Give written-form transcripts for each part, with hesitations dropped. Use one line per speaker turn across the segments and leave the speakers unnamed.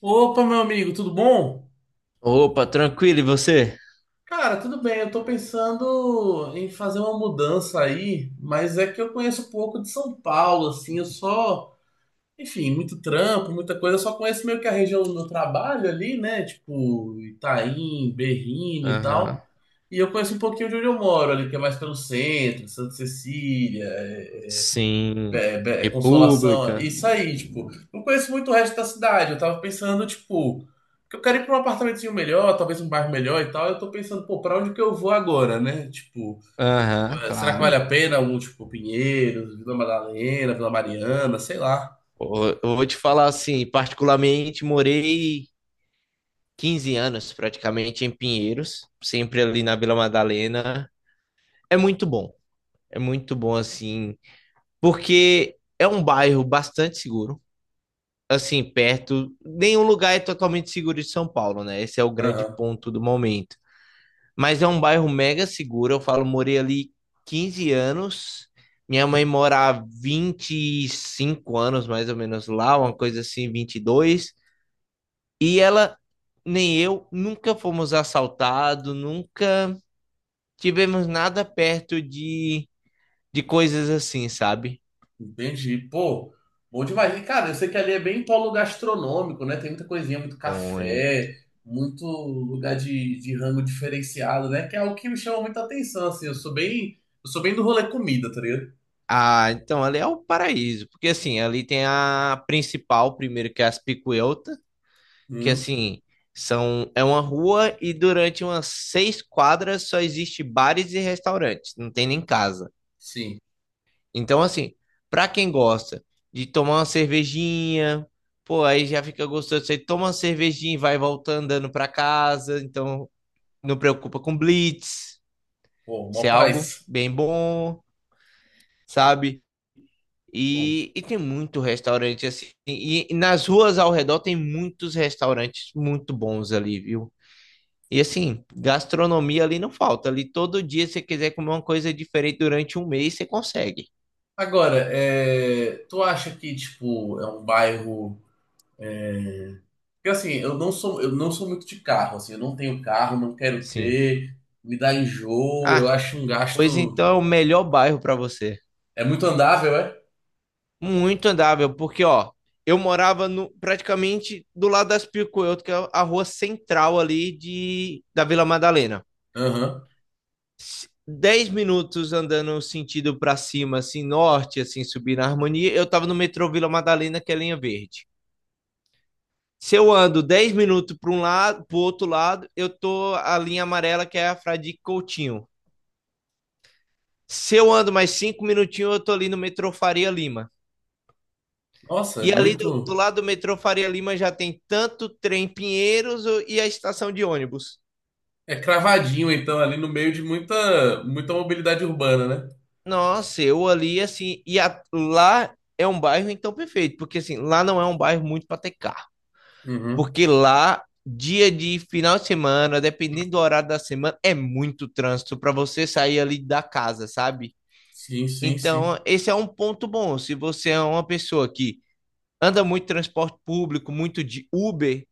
Opa, meu amigo, tudo bom?
Opa, tranquilo, e você?
Cara, tudo bem. Eu tô pensando em fazer uma mudança aí, mas é que eu conheço pouco de São Paulo, assim, muito trampo, muita coisa, eu só conheço meio que a região do meu trabalho ali, né? Tipo, Itaim, Berrini e
Aham.
tal. E eu conheço um pouquinho de onde eu moro ali, que é mais pelo centro, Santa Cecília,
Sim,
Consolação,
República.
isso aí, tipo, não conheço muito o resto da cidade. Eu tava pensando, tipo, que eu quero ir pra um apartamentozinho melhor, talvez um bairro melhor e tal. Eu tô pensando, pô, pra onde que eu vou agora, né? Tipo,
Aham,
será que vale
claro.
a pena algum, tipo, Pinheiros, Vila Madalena, Vila Mariana, sei lá.
Pô, eu vou te falar assim, particularmente morei 15 anos praticamente em Pinheiros, sempre ali na Vila Madalena. É muito bom, é muito bom assim, porque é um bairro bastante seguro, assim, perto, nenhum lugar é totalmente seguro de São Paulo, né? Esse é o grande ponto do momento. Mas é um bairro mega seguro. Eu falo, morei ali 15 anos. Minha mãe mora há vinte e cinco anos, mais ou menos, lá, uma coisa assim, 22. E ela, nem eu, nunca fomos assaltados, nunca tivemos nada perto de coisas assim, sabe?
Entendi. Pô, bom demais. E, cara, eu sei que ali é bem polo gastronômico, né? Tem muita coisinha, muito
Muito.
café, muito lugar de rango diferenciado, né? Que é algo que me chama muita atenção, assim. Eu sou bem do rolê comida, tá ligado?
Ah, então ali é o paraíso. Porque assim, ali tem a principal, primeiro, que é as Picuelta, que
Hum,
assim, são, é uma rua, e durante umas seis quadras só existe bares e restaurantes, não tem nem casa.
sim.
Então, assim, para quem gosta de tomar uma cervejinha, pô, aí já fica gostoso, você toma uma cervejinha e vai voltando andando para casa, então não preocupa com blitz,
Pô,
isso é
mó
algo
paz.
bem bom, sabe?
Bom.
E tem muito restaurante assim, e nas ruas ao redor tem muitos restaurantes muito bons ali, viu? E assim, gastronomia ali não falta. Ali todo dia, se você quiser comer uma coisa diferente durante um mês, você consegue.
Agora, é, tu acha que, tipo, é um bairro... Porque, assim, eu não sou muito de carro, assim. Eu não tenho carro, não quero
Sim.
ter. Me dá enjoo, eu
Ah,
acho um
pois
gasto...
então é o melhor bairro para você.
É muito andável, é?
Muito andável, porque ó, eu morava no, praticamente do lado das Picuelto, que é a rua central ali da Vila Madalena.
Aham.
10 minutos andando sentido para cima, assim, norte, assim, subir na harmonia, eu tava no metrô Vila Madalena, que é linha verde. Se eu ando 10 minutos para um lado, para o outro lado, eu tô a linha amarela, que é a Fradique Coutinho. Se eu ando mais 5 minutinhos, eu tô ali no metrô Faria Lima.
Nossa, é
E ali do
muito.
lado do metrô Faria Lima já tem tanto trem Pinheiros e a estação de ônibus.
É cravadinho, então, ali no meio de muita mobilidade urbana, né?
Nossa, eu ali assim, e lá é um bairro então perfeito, porque assim, lá não é um bairro muito para ter carro,
Uhum.
porque lá dia de final de semana, dependendo do horário da semana, é muito trânsito para você sair ali da casa, sabe?
Sim, sim, sim.
Então, esse é um ponto bom. Se você é uma pessoa que anda muito transporte público, muito de Uber,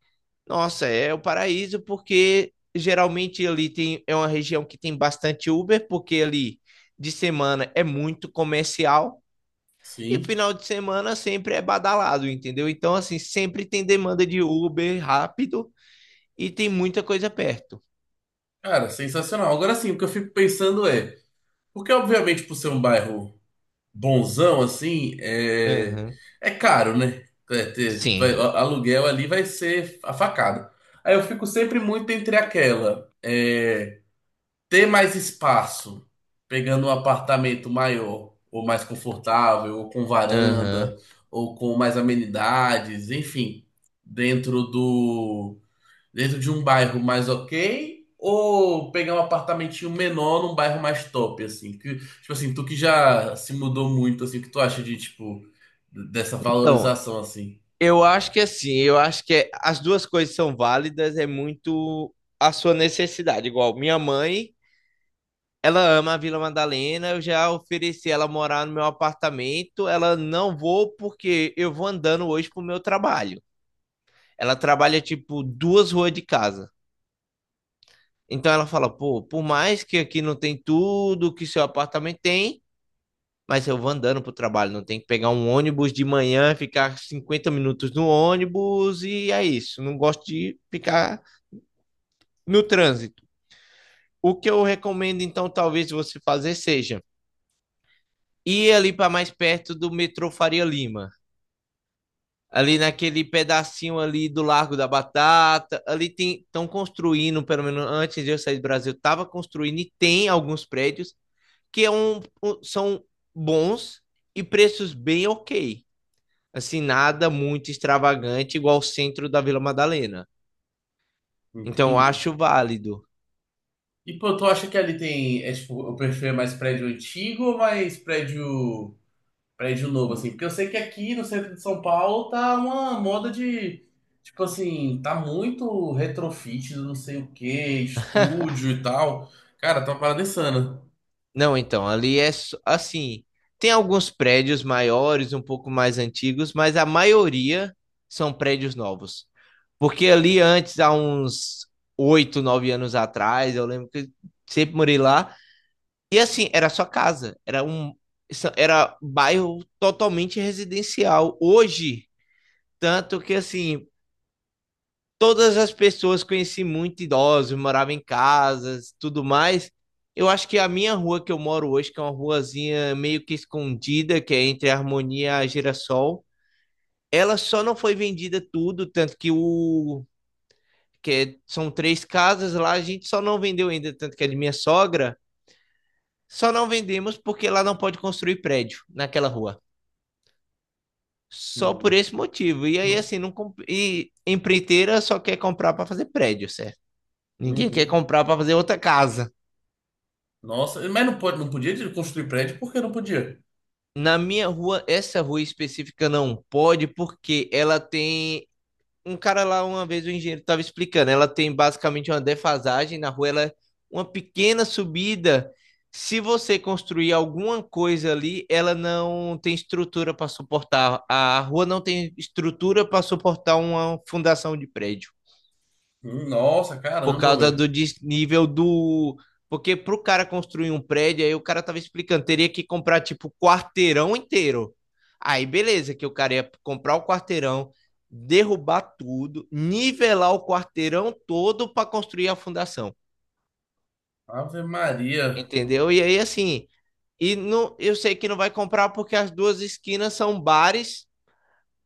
nossa, é o paraíso, porque geralmente ali tem, é uma região que tem bastante Uber, porque ali de semana é muito comercial e
Sim.
final de semana sempre é badalado, entendeu? Então, assim, sempre tem demanda de Uber rápido e tem muita coisa perto.
Cara, sensacional. Agora sim, o que eu fico pensando é, porque obviamente por ser um bairro bonzão, assim, é,
Aham.
é caro, né? É,
Sim.
aluguel ali vai ser a facada. Aí eu fico sempre muito entre aquela. É, ter mais espaço, pegando um apartamento maior, ou mais confortável, ou com
Aham.
varanda, ou com mais amenidades, enfim, dentro do dentro de um bairro mais ok, ou pegar um apartamentinho menor num bairro mais top, assim, que tipo assim, tu que já se mudou muito, assim, o que tu acha de tipo dessa
Então,
valorização assim?
eu acho que assim, eu acho que as duas coisas são válidas, é muito a sua necessidade. Igual minha mãe, ela ama a Vila Madalena, eu já ofereci ela morar no meu apartamento, ela não vou porque eu vou andando hoje pro meu trabalho. Ela trabalha tipo duas ruas de casa. Então ela fala, pô, por mais que aqui não tem tudo que seu apartamento tem, mas eu vou andando pro trabalho, não tem que pegar um ônibus de manhã, ficar 50 minutos no ônibus e é isso. Não gosto de ficar no trânsito. O que eu recomendo, então, talvez você fazer seja ir ali para mais perto do metrô Faria Lima. Ali naquele pedacinho ali do Largo da Batata, ali estão construindo, pelo menos antes de eu sair do Brasil, estava construindo, e tem alguns prédios que é um, são bons e preços bem ok. Assim, nada muito extravagante, igual o centro da Vila Madalena. Então, eu
Entende?
acho válido.
E pô, tu acha que ali tem, é, tipo, o perfil é mais prédio antigo ou mais prédio novo, assim. Porque eu sei que aqui no centro de São Paulo tá uma moda de, tipo assim, tá muito retrofit, não sei o que estúdio e tal. Cara, tá uma parada insana.
Não, então, ali é assim, tem alguns prédios maiores, um pouco mais antigos, mas a maioria são prédios novos. Porque ali antes, há uns 8, 9 anos atrás, eu lembro que sempre morei lá. E assim, era só casa, era era bairro totalmente residencial. Hoje, tanto que assim, todas as pessoas conheci muito idosos, morava em casas, tudo mais. Eu acho que a minha rua que eu moro hoje, que é uma ruazinha meio que escondida, que é entre a Harmonia e a Girassol, ela só não foi vendida tudo, tanto que o são três casas lá, a gente só não vendeu ainda, tanto que é de minha sogra, só não vendemos porque lá não pode construir prédio naquela rua. Só por
Hum.
esse motivo. E aí
No-
assim, não comp... e empreiteira só quer comprar para fazer prédio, certo? Ninguém quer
uhum.
comprar para fazer outra casa.
Nossa, mas não podia construir prédio porque não podia.
Na minha rua, essa rua específica não pode, porque ela tem. Um cara lá, uma vez, o engenheiro estava explicando, ela tem basicamente uma defasagem na rua, ela é uma pequena subida. Se você construir alguma coisa ali, ela não tem estrutura para suportar. A rua não tem estrutura para suportar uma fundação de prédio.
Nossa,
Por
caramba,
causa
velho.
do desnível do. Porque pro cara construir um prédio, aí o cara tava explicando, teria que comprar tipo quarteirão inteiro. Aí beleza, que o cara ia comprar o quarteirão, derrubar tudo, nivelar o quarteirão todo para construir a fundação.
Ave Maria.
Entendeu? E aí assim, e não, eu sei que não vai comprar porque as duas esquinas são bares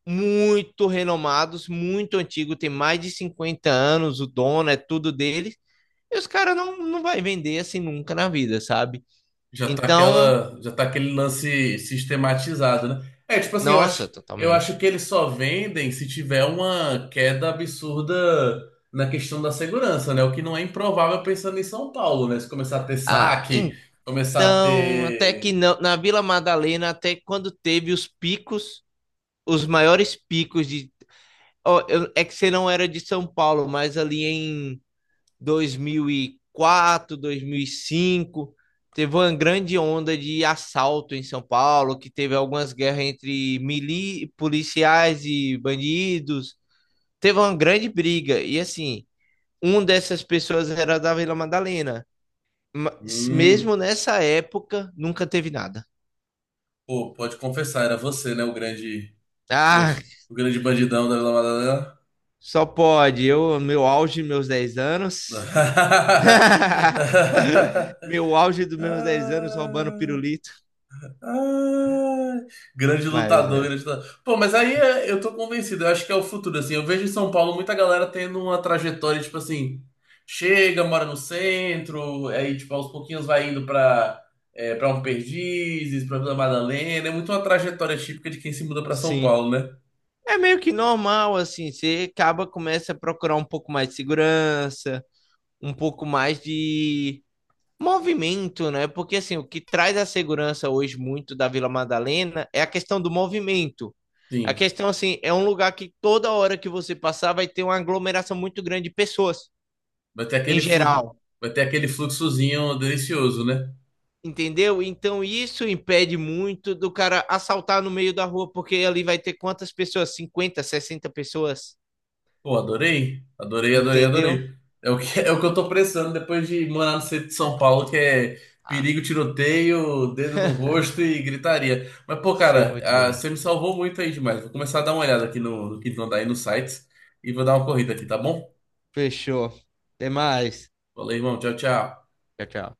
muito renomados, muito antigos, tem mais de 50 anos, o dono é tudo dele. E os caras não, não vai vender assim nunca na vida, sabe? Então,
Já tá aquele lance sistematizado, né? É, tipo assim,
nossa,
eu acho
totalmente.
que eles só vendem se tiver uma queda absurda na questão da segurança, né? O que não é improvável pensando em São Paulo, né? Se começar a ter
Ah,
saque, começar a
então, até que
ter.
não, na Vila Madalena, até quando teve os picos, os maiores picos de. Ó, é que você não era de São Paulo, mas ali em 2004, 2005, teve uma grande onda de assalto em São Paulo, que teve algumas guerras entre policiais e bandidos, teve uma grande briga. E assim, uma dessas pessoas era da Vila Madalena. Mas
Hum,
mesmo nessa época, nunca teve nada.
pô, pode confessar, era você, né?
Ah,
O grande bandidão da Vila Madalena.
só pode. Eu, meu auge, meus 10 anos. Meu auge dos meus 10 anos roubando
Ah.
pirulito.
Ah, grande
Mas
lutador,
é,
grande lutador. Pô, mas eu tô convencido, eu acho que é o futuro, assim. Eu vejo em São Paulo muita galera tendo uma trajetória, tipo assim, chega, mora no centro, aí, tipo, aos pouquinhos é, pra um Perdizes, pra Vila Madalena. É muito uma trajetória típica de quem se muda pra São
sim.
Paulo, né?
É meio que normal, assim. Você acaba, começa a procurar um pouco mais de segurança, um pouco mais de movimento, né? Porque assim, o que traz a segurança hoje muito da Vila Madalena é a questão do movimento. A
Sim,
questão assim, é um lugar que toda hora que você passar vai ter uma aglomeração muito grande de pessoas
vai ter
em
aquele fluxo,
geral,
vai ter aquele fluxozinho delicioso, né?
entendeu? Então isso impede muito do cara assaltar no meio da rua, porque ali vai ter quantas pessoas? 50, 60 pessoas,
Pô, adorei. Adorei, adorei,
entendeu?
adorei. É o que, é o que eu tô precisando depois de morar no centro de São Paulo, que é
Ah,
perigo, tiroteio, dedo no rosto e gritaria. Mas, pô,
sei
cara,
muito
ah,
bem.
você me salvou muito aí demais. Vou começar a dar uma olhada aqui no que vão dar aí nos sites e vou dar uma corrida aqui, tá bom?
Fechou. Até mais.
Valeu, irmão. Tchau, tchau.
Tchau, tchau.